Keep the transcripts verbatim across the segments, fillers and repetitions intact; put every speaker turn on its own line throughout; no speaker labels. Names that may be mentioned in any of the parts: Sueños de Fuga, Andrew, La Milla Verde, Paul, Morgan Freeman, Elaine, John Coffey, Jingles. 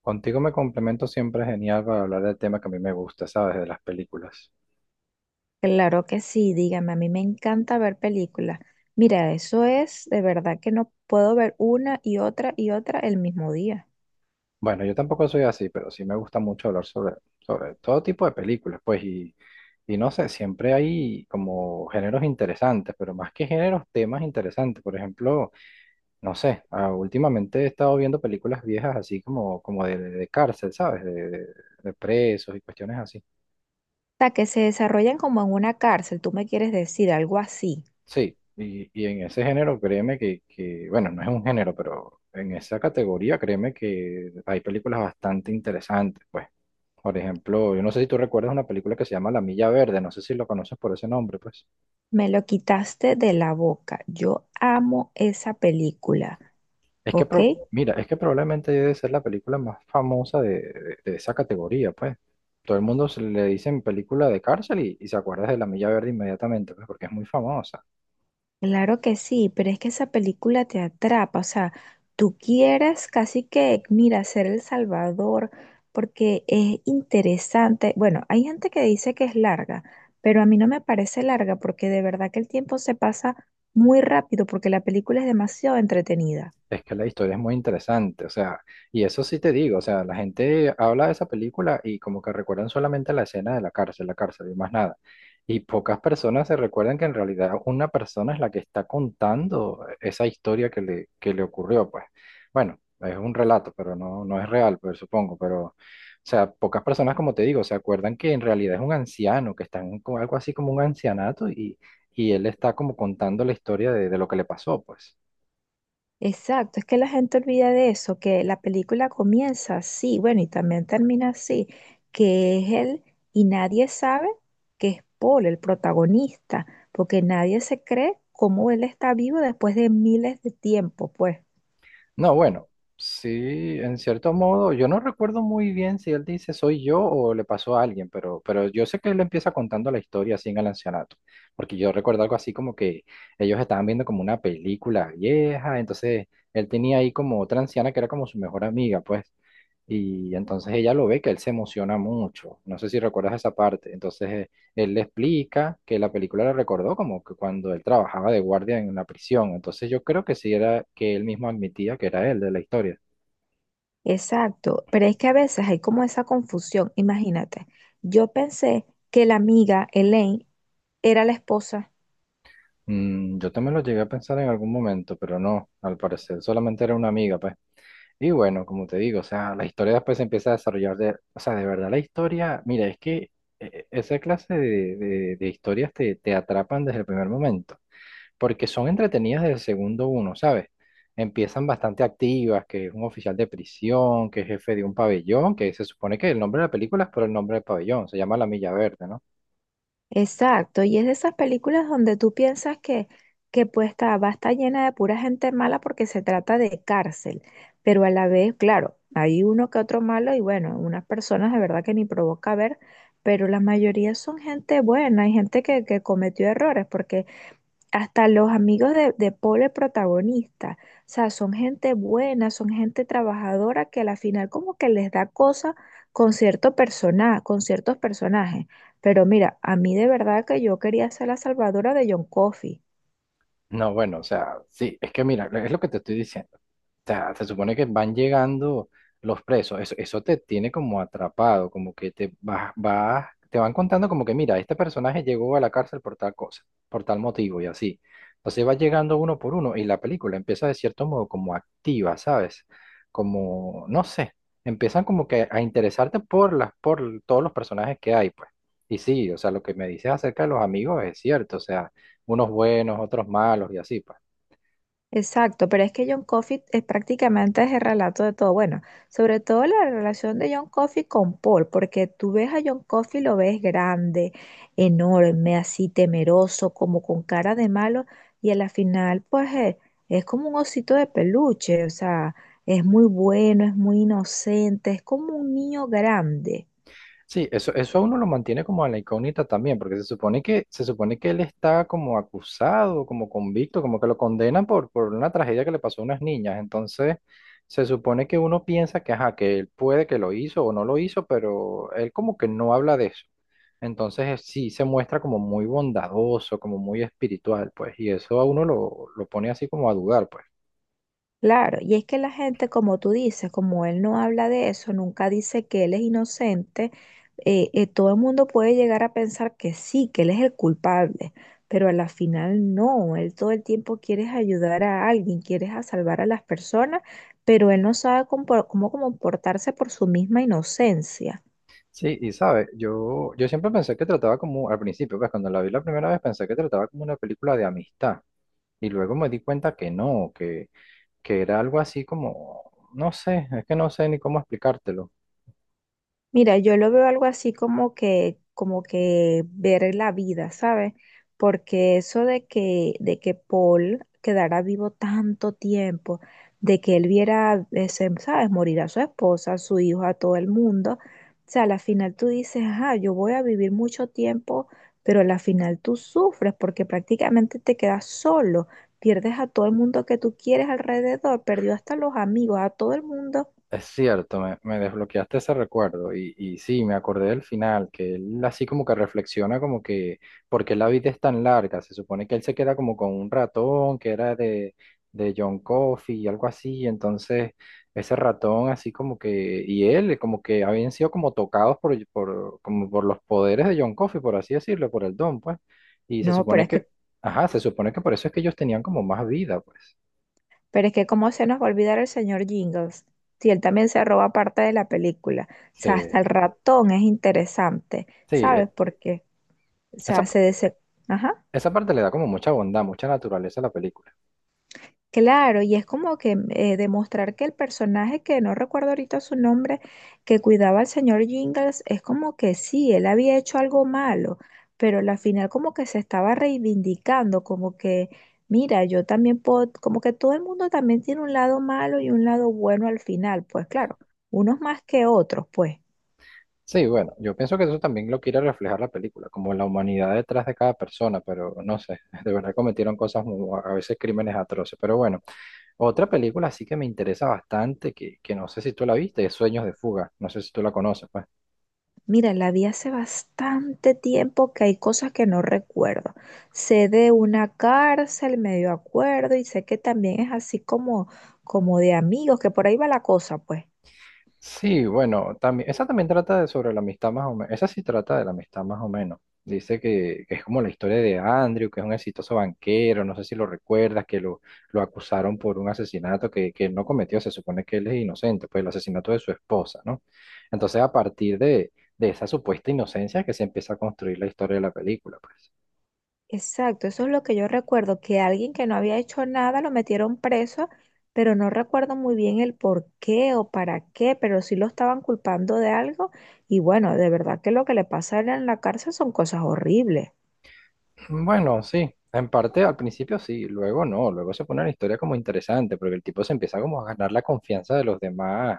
Contigo me complemento siempre genial para hablar del tema que a mí me gusta, ¿sabes? De las películas.
Claro que sí, dígame, a mí me encanta ver películas. Mira, eso es de verdad que no puedo ver una y otra y otra el mismo día.
Bueno, yo tampoco soy así, pero sí me gusta mucho hablar sobre, sobre todo tipo de películas, pues, y, y no sé, siempre hay como géneros interesantes, pero más que géneros, temas interesantes. Por ejemplo, no sé, ah, últimamente he estado viendo películas viejas así como, como de, de cárcel, ¿sabes? De, de de presos y cuestiones así.
O sea, que se desarrollan como en una cárcel, tú me quieres decir algo así.
Sí, y, y en ese género, créeme que, que, bueno, no es un género, pero en esa categoría, créeme que hay películas bastante interesantes, pues. Por ejemplo, yo no sé si tú recuerdas una película que se llama La Milla Verde, no sé si lo conoces por ese nombre, pues.
Me lo quitaste de la boca. Yo amo esa película,
Es que,
¿ok?
pro- mira, es que probablemente debe ser la película más famosa de, de- de esa categoría, pues. Todo el mundo se le dicen película de cárcel y, y se acuerda de La Milla Verde inmediatamente, pues, porque es muy famosa.
Claro que sí, pero es que esa película te atrapa, o sea, tú quieres casi que, mira, ser el salvador, porque es interesante. Bueno, hay gente que dice que es larga, pero a mí no me parece larga porque de verdad que el tiempo se pasa muy rápido porque la película es demasiado entretenida.
Es que la historia es muy interesante, o sea, y eso sí te digo, o sea, la gente habla de esa película y como que recuerdan solamente la escena de la cárcel, la cárcel y más nada. Y pocas personas se recuerdan que en realidad una persona es la que está contando esa historia que le, que le ocurrió, pues. Bueno, es un relato, pero no, no es real, pues supongo, pero, o sea, pocas personas, como te digo, se acuerdan que en realidad es un anciano, que está en co- algo así como un ancianato y, y él está como contando la historia de, de lo que le pasó, pues.
Exacto, es que la gente olvida de eso, que la película comienza así, bueno, y también termina así, que es él y nadie sabe que es Paul el protagonista, porque nadie se cree cómo él está vivo después de miles de tiempo, pues.
No, bueno, sí, en cierto modo, yo no recuerdo muy bien si él dice soy yo o le pasó a alguien, pero, pero yo sé que él empieza contando la historia así en el ancianato, porque yo recuerdo algo así como que ellos estaban viendo como una película vieja, entonces él tenía ahí como otra anciana que era como su mejor amiga, pues, y entonces ella lo ve que él se emociona mucho, no sé si recuerdas esa parte, entonces eh, él le explica que la película le recordó como que cuando él trabajaba de guardia en la prisión. Entonces yo creo que sí era que él mismo admitía que era él de la historia.
Exacto, pero es que a veces hay como esa confusión, imagínate, yo pensé que la amiga Elaine era la esposa.
Mm, yo también lo llegué a pensar en algún momento, pero no, al parecer solamente era una amiga, pues. Y bueno, como te digo, o sea, la historia después se empieza a desarrollar de, o sea, de verdad la historia, mira, es que eh, esa clase de, de- de historias te, te atrapan desde el primer momento, porque son entretenidas desde el segundo uno, ¿sabes? Empiezan bastante activas, que es un oficial de prisión, que es jefe de un pabellón, que se supone que el nombre de la película es por el nombre del pabellón, se llama La Milla Verde, ¿no?
Exacto, y es de esas películas donde tú piensas que, que pues está, va a estar llena de pura gente mala porque se trata de cárcel, pero a la vez, claro, hay uno que otro malo y bueno, unas personas de verdad que ni provoca ver, pero la mayoría son gente buena, hay gente que, que cometió errores, porque hasta los amigos de, de Paul, el protagonista. O sea, son gente buena, son gente trabajadora que a la final como que les da cosa con cierto persona, con ciertos personajes. Pero mira, a mí de verdad que yo quería ser la salvadora de John Coffey.
No, bueno, o sea, sí, es que mira, es lo que te estoy diciendo. O sea, se supone que van llegando los presos, eso, eso te tiene como atrapado, como que te vas, vas, te van contando como que mira, este personaje llegó a la cárcel por tal cosa, por tal motivo y así. Entonces va llegando uno por uno y la película empieza de cierto modo como activa, ¿sabes? Como, no sé, empiezan como que a interesarte por las, por todos los personajes que hay, pues. Y sí, o sea, lo que me dices acerca de los amigos es cierto, o sea, unos buenos, otros malos y así, pues.
Exacto, pero es que John Coffey es prácticamente es el relato de todo. Bueno, sobre todo la relación de John Coffey con Paul, porque tú ves a John Coffey, lo ves grande, enorme, así temeroso, como con cara de malo, y a la final, pues eh, es, como un osito de peluche, o sea, es muy bueno, es muy inocente, es como un niño grande.
Sí, eso, eso a uno lo mantiene como en la incógnita también, porque se supone que, se supone que él está como acusado, como convicto, como que lo condenan por, por una tragedia que le pasó a unas niñas. Entonces, se supone que uno piensa que, ajá, que él puede que lo hizo o no lo hizo, pero él como que no habla de eso. Entonces, eh, sí se muestra como muy bondadoso, como muy espiritual, pues, y eso a uno lo, lo pone así como a dudar, pues.
Claro, y es que la gente, como tú dices, como él no habla de eso, nunca dice que él es inocente, eh, eh, todo el mundo puede llegar a pensar que sí, que él es el culpable, pero a la final no, él todo el tiempo quiere ayudar a alguien, quiere a salvar a las personas, pero él no sabe compor- cómo comportarse por su misma inocencia.
Sí, y sabe, yo, yo siempre pensé que trataba como, al principio, pues cuando la vi la primera vez pensé que trataba como una película de amistad. Y luego me di cuenta que no, que, que era algo así como, no sé, es que no sé ni cómo explicártelo.
Mira, yo lo veo algo así como que, como que ver la vida, ¿sabes? Porque eso de que, de que, Paul quedara vivo tanto tiempo, de que él viera, ese, ¿sabes? Morir a su esposa, a su hijo, a todo el mundo. O sea, a la final tú dices, ah, yo voy a vivir mucho tiempo, pero a la final tú sufres porque prácticamente te quedas solo, pierdes a todo el mundo que tú quieres alrededor, perdió hasta los amigos, a todo el mundo.
Es cierto, me, me desbloqueaste ese recuerdo y, y sí, me acordé del final, que él así como que reflexiona como que, ¿por qué la vida es tan larga? Se supone que él se queda como con un ratón que era de, de John Coffey y algo así, entonces ese ratón así como que, y él como que habían sido como tocados por, por, como por los poderes de John Coffey, por así decirlo, por el don, pues, y se
No, pero
supone
es
que,
que
ajá, se supone que por eso es que ellos tenían como más vida, pues,
Pero es que cómo se nos va a olvidar el señor Jingles, si él también se roba parte de la película. O
sí,
sea, hasta el ratón es interesante.
sí,
¿Sabes
eh,
por qué? O sea,
esa,
se dese... Ajá.
esa parte le da como mucha bondad, mucha naturaleza a la película.
Claro, y es como que mm, eh, demostrar que el personaje, que no recuerdo ahorita su nombre, que cuidaba al señor Jingles, es como que sí, él había hecho algo malo, pero al final como que se estaba reivindicando, como que, mira, yo también puedo, como que todo el mundo también tiene un lado malo y un lado bueno al final, pues claro, unos más que otros, pues.
Sí, bueno, yo pienso que eso también lo quiere reflejar la película, como la humanidad detrás de cada persona, pero no sé, de verdad cometieron cosas, mu- a veces crímenes atroces. Pero bueno, otra película sí que me interesa bastante, que, que no sé si tú la viste, es Sueños de Fuga, no sé si tú la conoces, pues.
Mira, la vi hace bastante tiempo que hay cosas que no recuerdo. Sé de una cárcel, medio acuerdo, y sé que también es así como, como de amigos, que por ahí va la cosa, pues.
Sí, bueno, también, esa también trata de sobre la amistad más o menos, esa sí trata de la amistad más o menos. Dice que, que es como la historia de Andrew, que es un exitoso banquero, no sé si lo recuerdas, que lo, lo acusaron por un asesinato que, que él no cometió, se supone que él es inocente, pues el asesinato de su esposa, ¿no? Entonces a partir de, de esa supuesta inocencia que se empieza a construir la historia de la película, pues.
Exacto, eso es lo que yo recuerdo, que alguien que no había hecho nada lo metieron preso, pero no recuerdo muy bien el por qué o para qué, pero sí lo estaban culpando de algo. Y bueno, de verdad que lo que le pasa a él en la cárcel son cosas horribles.
Bueno, sí, en parte al principio sí, luego no, luego se pone la historia como interesante, porque el tipo se empieza como a ganar la confianza de los demás,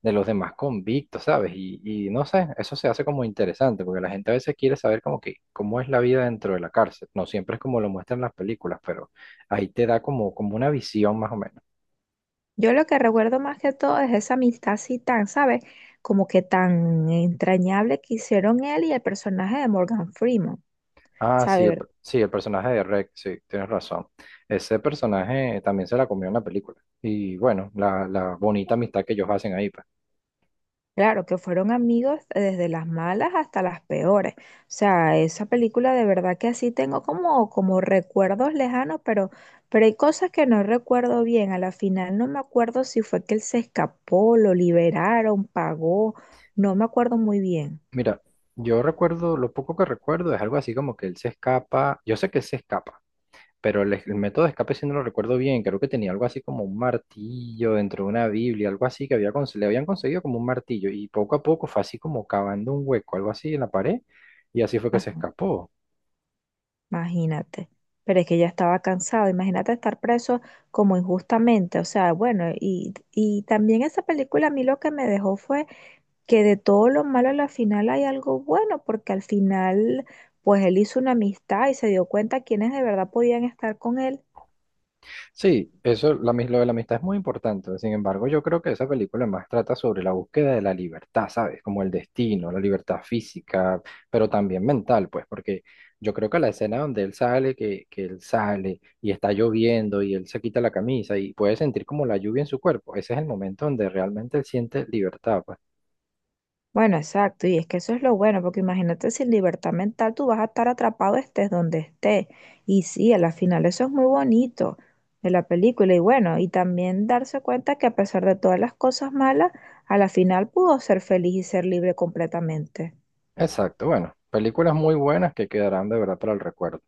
de los demás convictos, ¿sabes? Y, y no sé, eso se hace como interesante, porque la gente a veces quiere saber como que cómo es la vida dentro de la cárcel, no siempre es como lo muestran las películas, pero ahí te da como, como una visión más o menos.
Yo lo que recuerdo más que todo es esa amistad así tan, ¿sabes? Como que tan entrañable que hicieron él y el personaje de Morgan Freeman. O
Ah,
sea,
sí,
de
el
verdad.
per- sí, el personaje de Rex, sí, tienes razón. Ese personaje también se la comió en la película. Y bueno, la, la bonita amistad que ellos hacen ahí, pues.
Claro, que fueron amigos desde las malas hasta las peores. O sea, esa película de verdad que así tengo como, como recuerdos lejanos, pero, pero hay cosas que no recuerdo bien. A la final no me acuerdo si fue que él se escapó, lo liberaron, pagó. No me acuerdo muy bien.
Mira, yo recuerdo, lo poco que recuerdo es algo así como que él se escapa, yo sé que él se escapa, pero el, el método de escape sí no lo recuerdo bien, creo que tenía algo así como un martillo dentro de una Biblia, algo así que había, cons- le habían conseguido como un martillo y poco a poco fue así como cavando un hueco, algo así en la pared y así fue que se
Ajá.
escapó.
Imagínate, pero es que ya estaba cansado, imagínate estar preso como injustamente, o sea, bueno, y, y también esa película a mí lo que me dejó fue que de todo lo malo a la final hay algo bueno, porque al final pues él hizo una amistad y se dio cuenta quiénes de verdad podían estar con él.
Sí, eso, la, mis- lo de la amistad es muy importante. Sin embargo, yo creo que esa película más trata sobre la búsqueda de la libertad, ¿sabes? Como el destino, la libertad física, pero también mental, pues, porque yo creo que la escena donde él sale, que, que él sale y está lloviendo y él se quita la camisa y puede sentir como la lluvia en su cuerpo, ese es el momento donde realmente él siente libertad, pues.
Bueno, exacto, y es que eso es lo bueno, porque imagínate sin libertad mental tú vas a estar atrapado estés donde estés. Y sí, a la final eso es muy bonito de la película, y bueno, y también darse cuenta que a pesar de todas las cosas malas, a la final pudo ser feliz y ser libre completamente.
Exacto, bueno, películas muy buenas que quedarán de verdad para el recuerdo.